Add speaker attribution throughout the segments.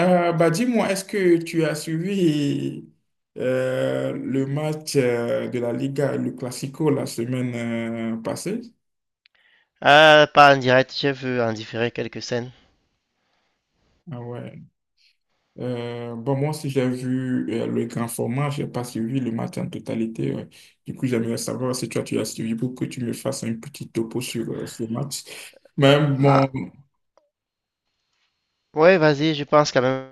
Speaker 1: Bah dis-moi, est-ce que tu as suivi le match de la Liga, le Classico, la semaine passée?
Speaker 2: Ah, pas en direct, je veux en différer quelques scènes.
Speaker 1: Ah ouais. Bon, moi aussi, j'ai vu le grand format, j'ai pas suivi le match en totalité. Ouais. Du coup, j'aimerais savoir si toi, tu as suivi pour que tu me fasses un petit topo sur ce match. Mais
Speaker 2: Ah,
Speaker 1: bon.
Speaker 2: ouais, vas-y, je pense quand même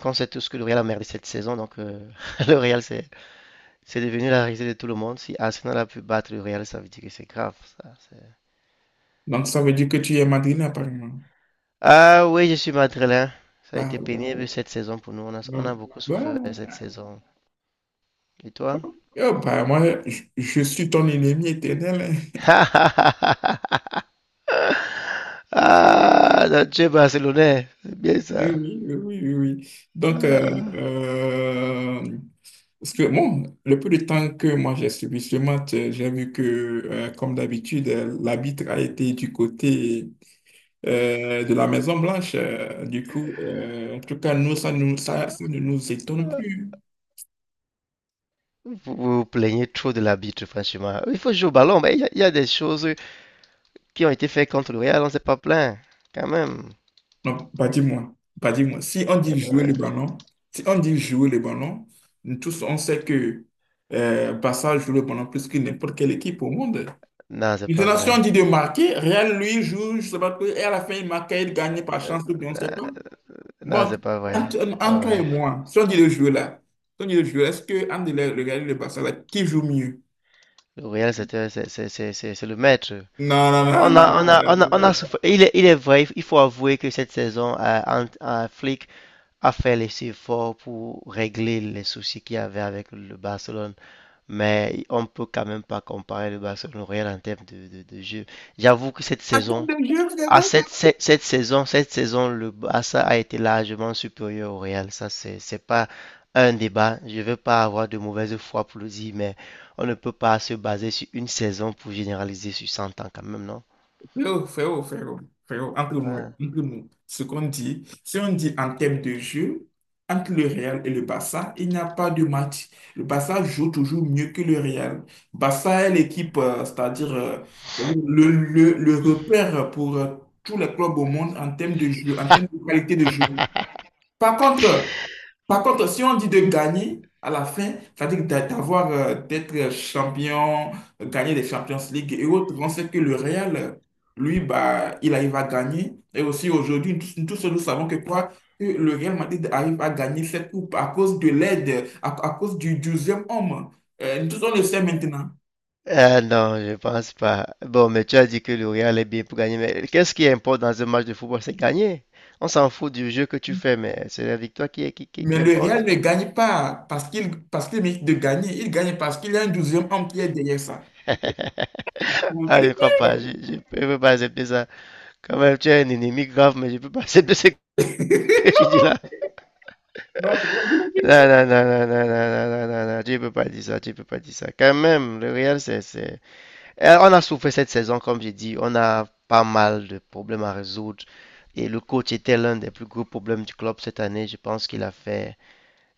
Speaker 2: qu'on sait tous que le Real a merdé cette saison, donc le Real c'est devenu la risée de tout le monde. Si Arsenal a pu battre le Real, ça veut dire que c'est grave. Ça,
Speaker 1: Donc ça veut dire que tu es madrilène, apparemment.
Speaker 2: Ah oui, je suis madrilène. Ça a
Speaker 1: Bah,
Speaker 2: été pénible cette saison pour nous, on
Speaker 1: bah,
Speaker 2: a beaucoup
Speaker 1: bah,
Speaker 2: souffert cette saison. Et toi?
Speaker 1: oh, bah, moi, je suis ton ennemi éternel, hein.
Speaker 2: Ah, Nacho est Barcelonais, c'est bien
Speaker 1: Oui,
Speaker 2: ça.
Speaker 1: oui, oui, oui, oui. Oui. Donc,
Speaker 2: Ah.
Speaker 1: parce que bon, le peu de temps que moi j'ai suivi ce match, j'ai vu que, comme d'habitude, l'arbitre a été du côté de la Maison-Blanche. Du coup, en tout cas, nous, ça ne nous étonne plus.
Speaker 2: Vous vous plaignez trop de l'arbitre, franchement. Il faut jouer au ballon, mais il y a des choses qui ont été faites contre le Real, on ne s'est pas plaint, quand même.
Speaker 1: Non, pas dis-moi, pas dis-moi. Si on dit jouer
Speaker 2: Euh,
Speaker 1: le ballon, si on dit jouer le ballon, nous tous, on sait que Barça joue le ballon plus que n'importe quelle équipe au monde.
Speaker 2: non, c'est pas
Speaker 1: Relation
Speaker 2: vrai.
Speaker 1: dit de marquer, Real lui joue, je sais pas quoi, et à la fin il marque, il gagne par
Speaker 2: Euh,
Speaker 1: chance ou bien on sait pas.
Speaker 2: non,
Speaker 1: Bon,
Speaker 2: c'est pas vrai.
Speaker 1: entre,
Speaker 2: C'est pas
Speaker 1: entre toi et
Speaker 2: vrai.
Speaker 1: moi, si on dit le jeu là, si on dit le jeu, est-ce que entre le Real et le Barça là, qui joue mieux?
Speaker 2: Le Real, c'est le maître.
Speaker 1: Non, non, non, non, non,
Speaker 2: On
Speaker 1: non.
Speaker 2: a souffert. Il est vrai, il faut avouer que cette saison, Flick a fait les efforts pour régler les soucis qu'il y avait avec le Barcelone. Mais on ne peut quand même pas comparer le Barcelone au Real en termes de, de jeu. J'avoue que cette
Speaker 1: Attends
Speaker 2: saison,
Speaker 1: de jeu, frérot.
Speaker 2: cette saison, le Barça a été largement supérieur au Real. Ça, c'est pas un débat. Je ne veux pas avoir de mauvaise foi pour le dire, mais on ne peut pas se baser sur une saison pour généraliser sur 100 ans quand même, non?
Speaker 1: Frérot, frérot, frérot, frérot,
Speaker 2: Ouais.
Speaker 1: entre nous, ce qu'on dit, si on dit en termes de jeu, entre le Real et le Barça, il n'y a pas de match. Le Barça joue toujours mieux que le Real. Barça est l'équipe, c'est-à-dire le repère pour tous les clubs au monde en termes de jeu, en termes de qualité de jeu. Par contre, par contre, si on dit de gagner à la fin, c'est-à-dire d'avoir, d'être champion, gagner des Champions League et autres, on sait que le Real, lui, bah, il arrive à gagner. Et aussi aujourd'hui, tous nous savons que quoi? Que le Real Madrid arrive à gagner cette coupe à cause de l'aide, à cause du deuxième homme. Tous on le sait maintenant.
Speaker 2: Ah non, je pense pas. Bon, mais tu as dit que le Real est bien pour gagner, mais qu'est-ce qui importe dans un match de football? C'est gagner. On s'en fout du jeu que tu fais, mais c'est la victoire
Speaker 1: Mais
Speaker 2: qui
Speaker 1: le Real
Speaker 2: importe.
Speaker 1: ne gagne pas parce qu'il mérite de gagner. Il gagne parce qu'il y a un 12e homme qui est derrière ça.
Speaker 2: Ah, je crois pas. Je peux pas accepter ça. Quand même, tu es un ennemi grave, mais je ne peux pas accepter ce que tu dis là.
Speaker 1: Donc,
Speaker 2: Non, non, non, non, non, non, non, non, non, non, tu ne peux pas dire ça. Tu ne peux pas dire ça. Quand même, le Real, c'est. Eh, on a souffert cette saison, comme j'ai dit. On a pas mal de problèmes à résoudre. Et le coach était l'un des plus gros problèmes du club cette année. Je pense qu'il a fait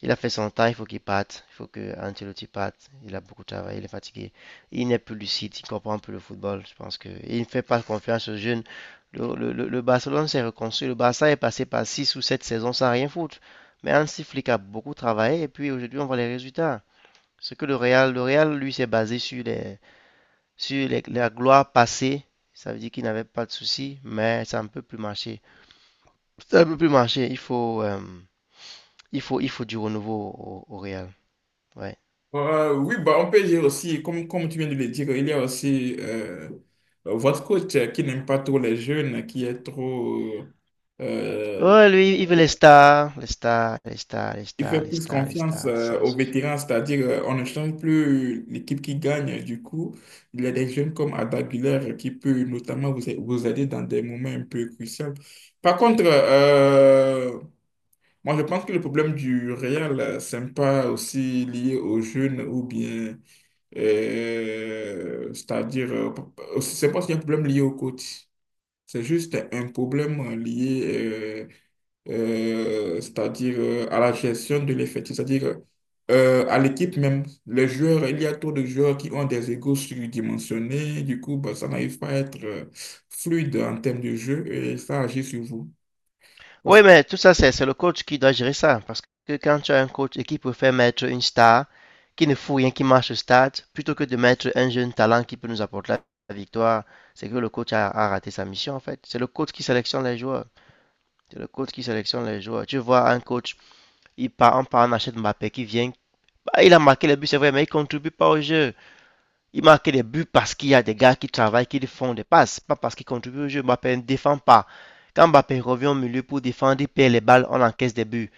Speaker 2: Il a fait son temps, il faut qu'il parte. Il faut que Ancelotti parte. Il a beaucoup travaillé, il est fatigué. Il n'est plus lucide, il comprend plus le football. Je pense que il ne fait pas confiance aux jeunes. Le Barcelone s'est reconstruit. Le Barça est passé par 6 ou 7 saisons sans rien foutre. Mais Hansi Flick a beaucoup travaillé et puis aujourd'hui on voit les résultats. Ce que le Real lui s'est basé sur les, la gloire passée. Ça veut dire qu'il n'avait pas de soucis, mais ça ne peut plus marcher. Ça ne peut plus marcher. Il faut du renouveau au, au Real. Ouais.
Speaker 1: Oui, bah, on peut dire aussi, comme tu viens de le dire, il y a aussi votre coach qui n'aime pas trop les jeunes, qui est trop. euh,
Speaker 2: Ouais, lui, il veut les stars, les stars, les stars, les
Speaker 1: il
Speaker 2: stars,
Speaker 1: fait
Speaker 2: les
Speaker 1: plus
Speaker 2: stars, les
Speaker 1: confiance
Speaker 2: stars. Ça,
Speaker 1: aux
Speaker 2: c'est-
Speaker 1: vétérans, c'est-à-dire on ne change plus l'équipe qui gagne. Du coup, il y a des jeunes comme Ada Güler qui peut notamment vous aider dans des moments un peu cruciaux. Par contre, moi je pense que le problème du Real, c'est pas aussi lié aux jeunes ou bien. C'est-à-dire, c'est pas qu'il y a un problème lié au coach, c'est juste un problème lié, c'est-à-dire à la gestion de l'effectif, c'est-à-dire à l'équipe même. Les joueurs, il y a trop de joueurs qui ont des égos surdimensionnés, du coup, bah, ça n'arrive pas à être fluide en termes de jeu et ça agit sur vous. Parce-
Speaker 2: Ouais, mais tout ça, c'est le coach qui doit gérer ça. Parce que quand tu as un coach et qui préfère mettre une star qui ne fout rien, qui marche au stade, plutôt que de mettre un jeune talent qui peut nous apporter la victoire, c'est que le coach a raté sa mission en fait. C'est le coach qui sélectionne les joueurs. C'est le coach qui sélectionne les joueurs. Tu vois un coach, il part, on part, on achète Mbappé qui vient. Bah, il a marqué les buts, c'est vrai, mais il contribue pas au jeu. Il marque des buts parce qu'il y a des gars qui travaillent, qui font des passes, pas parce qu'ils contribuent au jeu. Mbappé ne défend pas. Quand Mbappé revient au milieu pour défendre, il perd les balles, on encaisse des buts.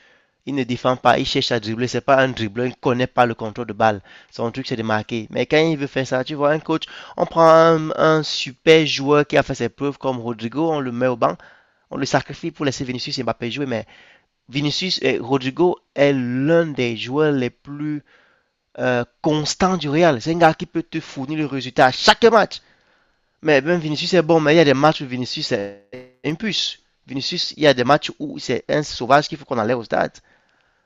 Speaker 2: Il ne défend pas, il cherche à dribbler. C'est pas un dribbleur, il ne connaît pas le contrôle de balle. Son truc, c'est de marquer. Mais quand il veut faire ça, tu vois, un coach, on prend un super joueur qui a fait ses preuves comme Rodrigo, on le met au banc, on le sacrifie pour laisser Vinicius et Mbappé jouer. Mais Vinicius et Rodrigo est l'un des joueurs les plus constant du Real. C'est un gars qui peut te fournir le résultat à chaque match. Mais même Vinicius est bon, mais il y a des matchs où Vinicius est une puce. Vinicius, il y a des matchs où c'est un sauvage qu'il faut qu'on allait au stade.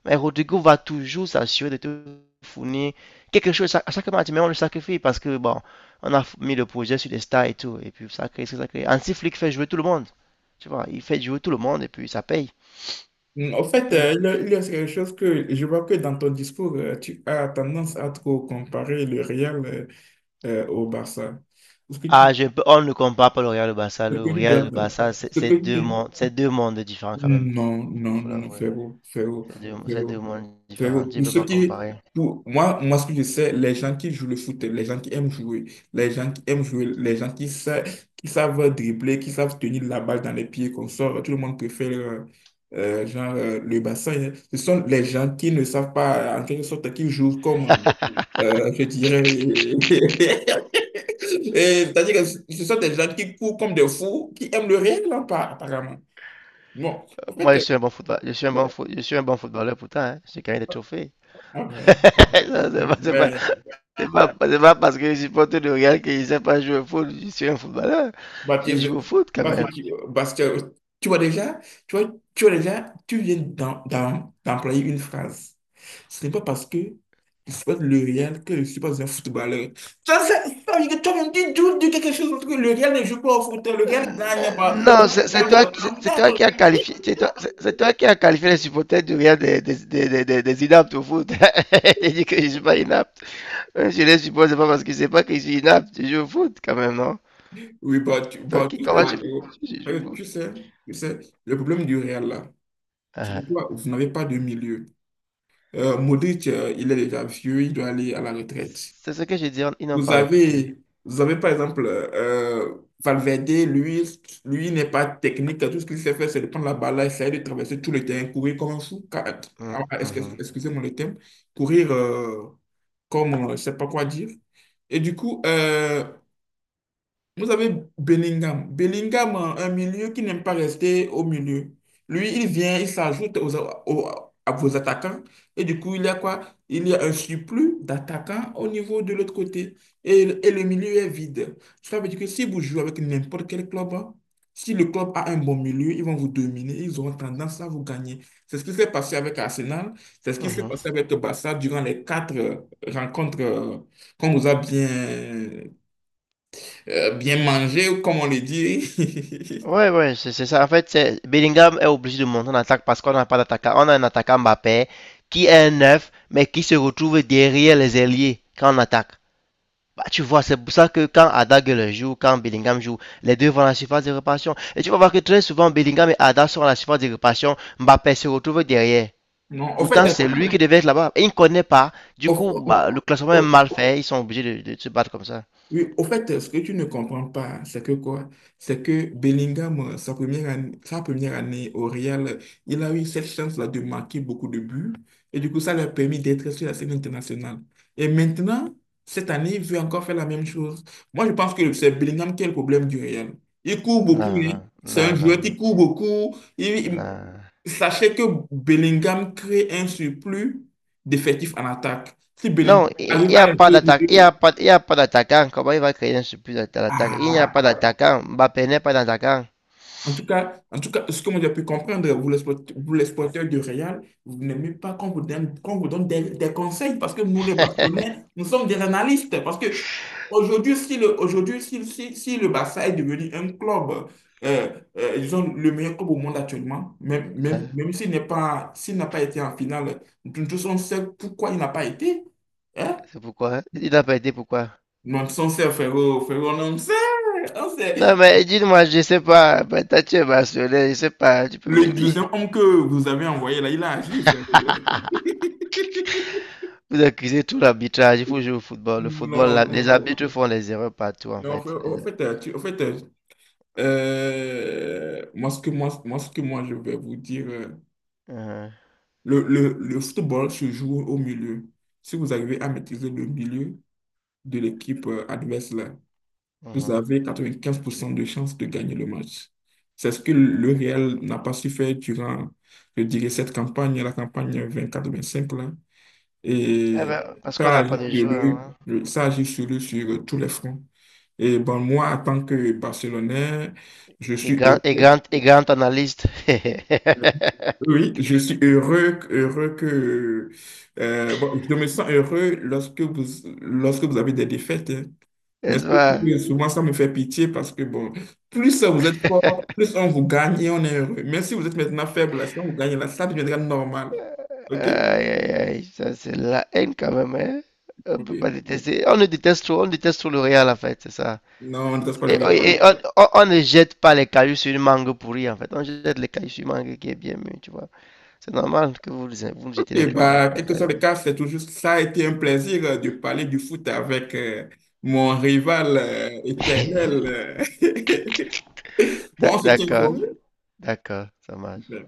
Speaker 2: Mais Rodrigo va toujours s'assurer de te fournir quelque chose à chaque match, mais on le sacrifie parce que bon, on a mis le projet sur les stars et tout, et puis ça crée. Anti-Flick fait jouer tout le monde, tu vois, il fait jouer tout le monde et puis
Speaker 1: En
Speaker 2: ça
Speaker 1: fait,
Speaker 2: paye.
Speaker 1: il y a quelque chose que je vois que dans ton discours, tu as tendance à trop comparer le Real au Barça. Ce que
Speaker 2: Ah,
Speaker 1: tu,
Speaker 2: je peux- on ne compare pas le Real et le Barça.
Speaker 1: ce
Speaker 2: Le
Speaker 1: que tu
Speaker 2: Real et
Speaker 1: dois,
Speaker 2: le Barça,
Speaker 1: ce que tu
Speaker 2: c'est deux mondes différents quand même, pour,
Speaker 1: Non, non,
Speaker 2: faut
Speaker 1: non, non,
Speaker 2: l'avouer.
Speaker 1: frérot, frérot,
Speaker 2: C'est deux
Speaker 1: frérot,
Speaker 2: mondes
Speaker 1: frérot.
Speaker 2: différents. Tu peux pas comparer.
Speaker 1: Pour moi, ce que je sais, les gens qui jouent le foot, les gens qui aiment jouer, les gens qui aiment jouer, les gens qui savent dribbler, qui savent tenir la balle dans les pieds qu'on sort, tout le monde préfère, genre, le bassin, hein. Ce sont les gens qui ne savent pas, en quelque sorte, qui jouent comme, je dirais. Et c'est-à-dire que ce sont des gens qui courent comme des fous, qui aiment le réel, hein, apparemment. Bon, en
Speaker 2: Moi, je
Speaker 1: fait.
Speaker 2: suis un bon football, je suis un bon footballeur pourtant. Hein. J'ai gagné des trophées. Ça,
Speaker 1: Ok. Ouais.
Speaker 2: C'est pas parce que je supporte le Real que je sais pas jouer au foot. Je suis un footballeur. J'ai
Speaker 1: Baptiste,
Speaker 2: joué au foot quand même.
Speaker 1: Baptiste, tu parce que tu vois déjà, tu vois déjà, tu viens d'employer une phrase. Ce n'est pas parce que je supporte le Real que je suis pas un footballeur. Ça veut dire que toi, même, tu viens de quelque chose parce que le Real ne joue pas au foot, le Real gagne pas.
Speaker 2: Non, toi qui as qualifié, toi qui a qualifié les supporters du Real des, des inaptes au foot. Tu dis que je suis pas inapte. Même si je les supporte, c'est pas que je suis inapte, je joue au foot quand même, non?
Speaker 1: Oui, bah,
Speaker 2: C'est toi
Speaker 1: bah,
Speaker 2: qui,
Speaker 1: tu sais,
Speaker 2: comment tu, Ouais.
Speaker 1: frérot.
Speaker 2: Je
Speaker 1: Frérot,
Speaker 2: joue au foot.
Speaker 1: tu sais, le problème du Real là, c'est que
Speaker 2: Ah,
Speaker 1: toi, vous n'avez pas de milieu. Modric, il est déjà vieux, il doit aller à la retraite.
Speaker 2: c'est ce que j'ai dit, ils n'ont
Speaker 1: Vous
Speaker 2: pas écouté.
Speaker 1: avez, vous avez par exemple Valverde, lui n'est pas technique. Tout ce qu'il sait faire, c'est de prendre la balle, là, essayer de traverser tout le terrain, courir comme un fou.
Speaker 2: Mm,
Speaker 1: Ah,
Speaker 2: mhm,
Speaker 1: excusez-moi le terme. Courir comme, je ne sais pas quoi dire. Et du coup, vous avez Bellingham. Bellingham, un milieu qui n'aime pas rester au milieu. Lui, il vient, il s'ajoute aux- à vos attaquants. Et du coup, il y a quoi? Il y a un surplus d'attaquants au niveau de l'autre côté. Et, et le milieu est vide. Ça veut dire que si vous jouez avec n'importe quel club, hein, si le club a un bon milieu, ils vont vous dominer. Ils auront tendance à vous gagner. C'est ce qui s'est passé avec Arsenal. C'est ce qui s'est
Speaker 2: mhm.
Speaker 1: passé avec Barça durant les quatre rencontres qu'on nous a bien bien manger, comme on le dit.
Speaker 2: Ouais, ouais, c'est ça. En fait, c'est- Bellingham est obligé de monter en attaque parce qu'on n'a pas d'attaquant. On a un attaquant Mbappé qui est un neuf, mais qui se retrouve derrière les ailiers quand on attaque. Bah, tu vois, c'est pour ça que quand Ada le joue, quand Bellingham joue, les deux vont à la surface de réparation. Et tu vas voir que très souvent, Bellingham et Ada sont à la surface de réparation. Mbappé se retrouve derrière.
Speaker 1: Non, au fait,
Speaker 2: Pourtant, c'est lui qui devait être là-bas. Et il ne connaît pas. Du coup,
Speaker 1: au,
Speaker 2: bah, le classement est
Speaker 1: au-
Speaker 2: mal fait. Ils sont obligés de se battre comme ça.
Speaker 1: oui, au fait, ce que tu ne comprends pas, c'est que quoi? C'est que Bellingham, sa première année au Real, il a eu cette chance-là de marquer beaucoup de buts. Et du coup, ça lui a permis d'être sur la scène internationale. Et maintenant, cette année, il veut encore faire la même chose. Moi, je pense que c'est Bellingham qui est le problème du Real. Il court beaucoup,
Speaker 2: Non,
Speaker 1: hein.
Speaker 2: non,
Speaker 1: C'est
Speaker 2: non,
Speaker 1: un
Speaker 2: non,
Speaker 1: joueur qui court beaucoup.
Speaker 2: non.
Speaker 1: Sachez que Bellingham crée un surplus d'effectifs en attaque. Si Bellingham
Speaker 2: Non, il
Speaker 1: arrive
Speaker 2: n'y
Speaker 1: à
Speaker 2: a pas
Speaker 1: rester au
Speaker 2: d'attaque.
Speaker 1: milieu,
Speaker 2: Il y a pas d'attaquant. Comment il va créer un surplus à l'attaque? Il n'y a
Speaker 1: ah,
Speaker 2: pas d'attaquant. Mbappé n'est pas d'attaquant.
Speaker 1: en tout cas, en tout cas, ce que moi j'ai pu comprendre, vous les, vous les supporters du Real, vous n'aimez pas qu'on vous donne des conseils parce que nous, les Barcelonais, nous sommes des analystes. Parce que aujourd'hui, si le, aujourd'hui, si le Barça est devenu un club, euh, disons, le meilleur club au monde actuellement, même s'il n'est pas, s'il n'a pas été en finale, nous tous on sait pourquoi il n'a pas été. Hein?
Speaker 2: C'est pourquoi? Hein? Il n'a pas été pourquoi?
Speaker 1: Non, on sait, frérot, frérot, on sait, on
Speaker 2: Non,
Speaker 1: sait.
Speaker 2: mais dis-moi, je sais pas, peut-être tu es Barcelonais, je sais pas, tu peux me
Speaker 1: Le
Speaker 2: dire.
Speaker 1: deuxième homme que vous avez envoyé là, il a agi, frérot.
Speaker 2: Vous accusez tout l'arbitrage, il faut jouer au football. Le football,
Speaker 1: Non,
Speaker 2: la-
Speaker 1: non,
Speaker 2: les arbitres font les erreurs partout, en
Speaker 1: non, en fait,
Speaker 2: fait.
Speaker 1: en
Speaker 2: Les
Speaker 1: fait, en fait, moi, ce que moi, je vais vous dire,
Speaker 2: mhm,
Speaker 1: le football se joue au milieu. Si vous arrivez à maîtriser le milieu de l'équipe adverse, là, vous
Speaker 2: mhm.
Speaker 1: avez 95% de chances de gagner le match. C'est ce que le Real n'a pas su faire durant, je dirais, cette campagne, la campagne 24-25 là.
Speaker 2: Eh
Speaker 1: Et
Speaker 2: ben, parce qu'on
Speaker 1: ça
Speaker 2: n'a
Speaker 1: agit
Speaker 2: pas de joueurs, hein.
Speaker 1: sur tous les fronts. Et bon, moi, en tant que Barcelonais, je
Speaker 2: Et
Speaker 1: suis
Speaker 2: grand,
Speaker 1: heureux.
Speaker 2: et grand, et grand analyste.
Speaker 1: Oui, je suis heureux, heureux que... bon, je me sens heureux lorsque vous avez des défaites, hein. Mais
Speaker 2: N'est-ce
Speaker 1: surtout,
Speaker 2: pas?
Speaker 1: souvent, ça me fait pitié parce que, bon, plus vous êtes fort, plus on vous gagne et on est heureux. Même si vous êtes maintenant faible, là, si on vous gagne, là, ça deviendra normal. OK?
Speaker 2: Aïe, aïe, aïe, ça c'est la haine quand même, hein. On peut pas
Speaker 1: Oui.
Speaker 2: détester. On le déteste trop, on déteste trop le Real, en fait, c'est ça.
Speaker 1: Non, on ne reste pas le gain.
Speaker 2: Et- on ne jette pas les cailloux sur une mangue pourrie, en fait. On jette les cailloux sur une mangue qui est bien mûre, tu vois. C'est normal que vous, vous jetez
Speaker 1: Et
Speaker 2: les, cailloux.
Speaker 1: bah, quel que soit le cas, c'est toujours, ça a été un plaisir de parler du foot avec mon rival éternel. Bon, on se tient
Speaker 2: D'accord,
Speaker 1: informé.
Speaker 2: d'accord, ça marche.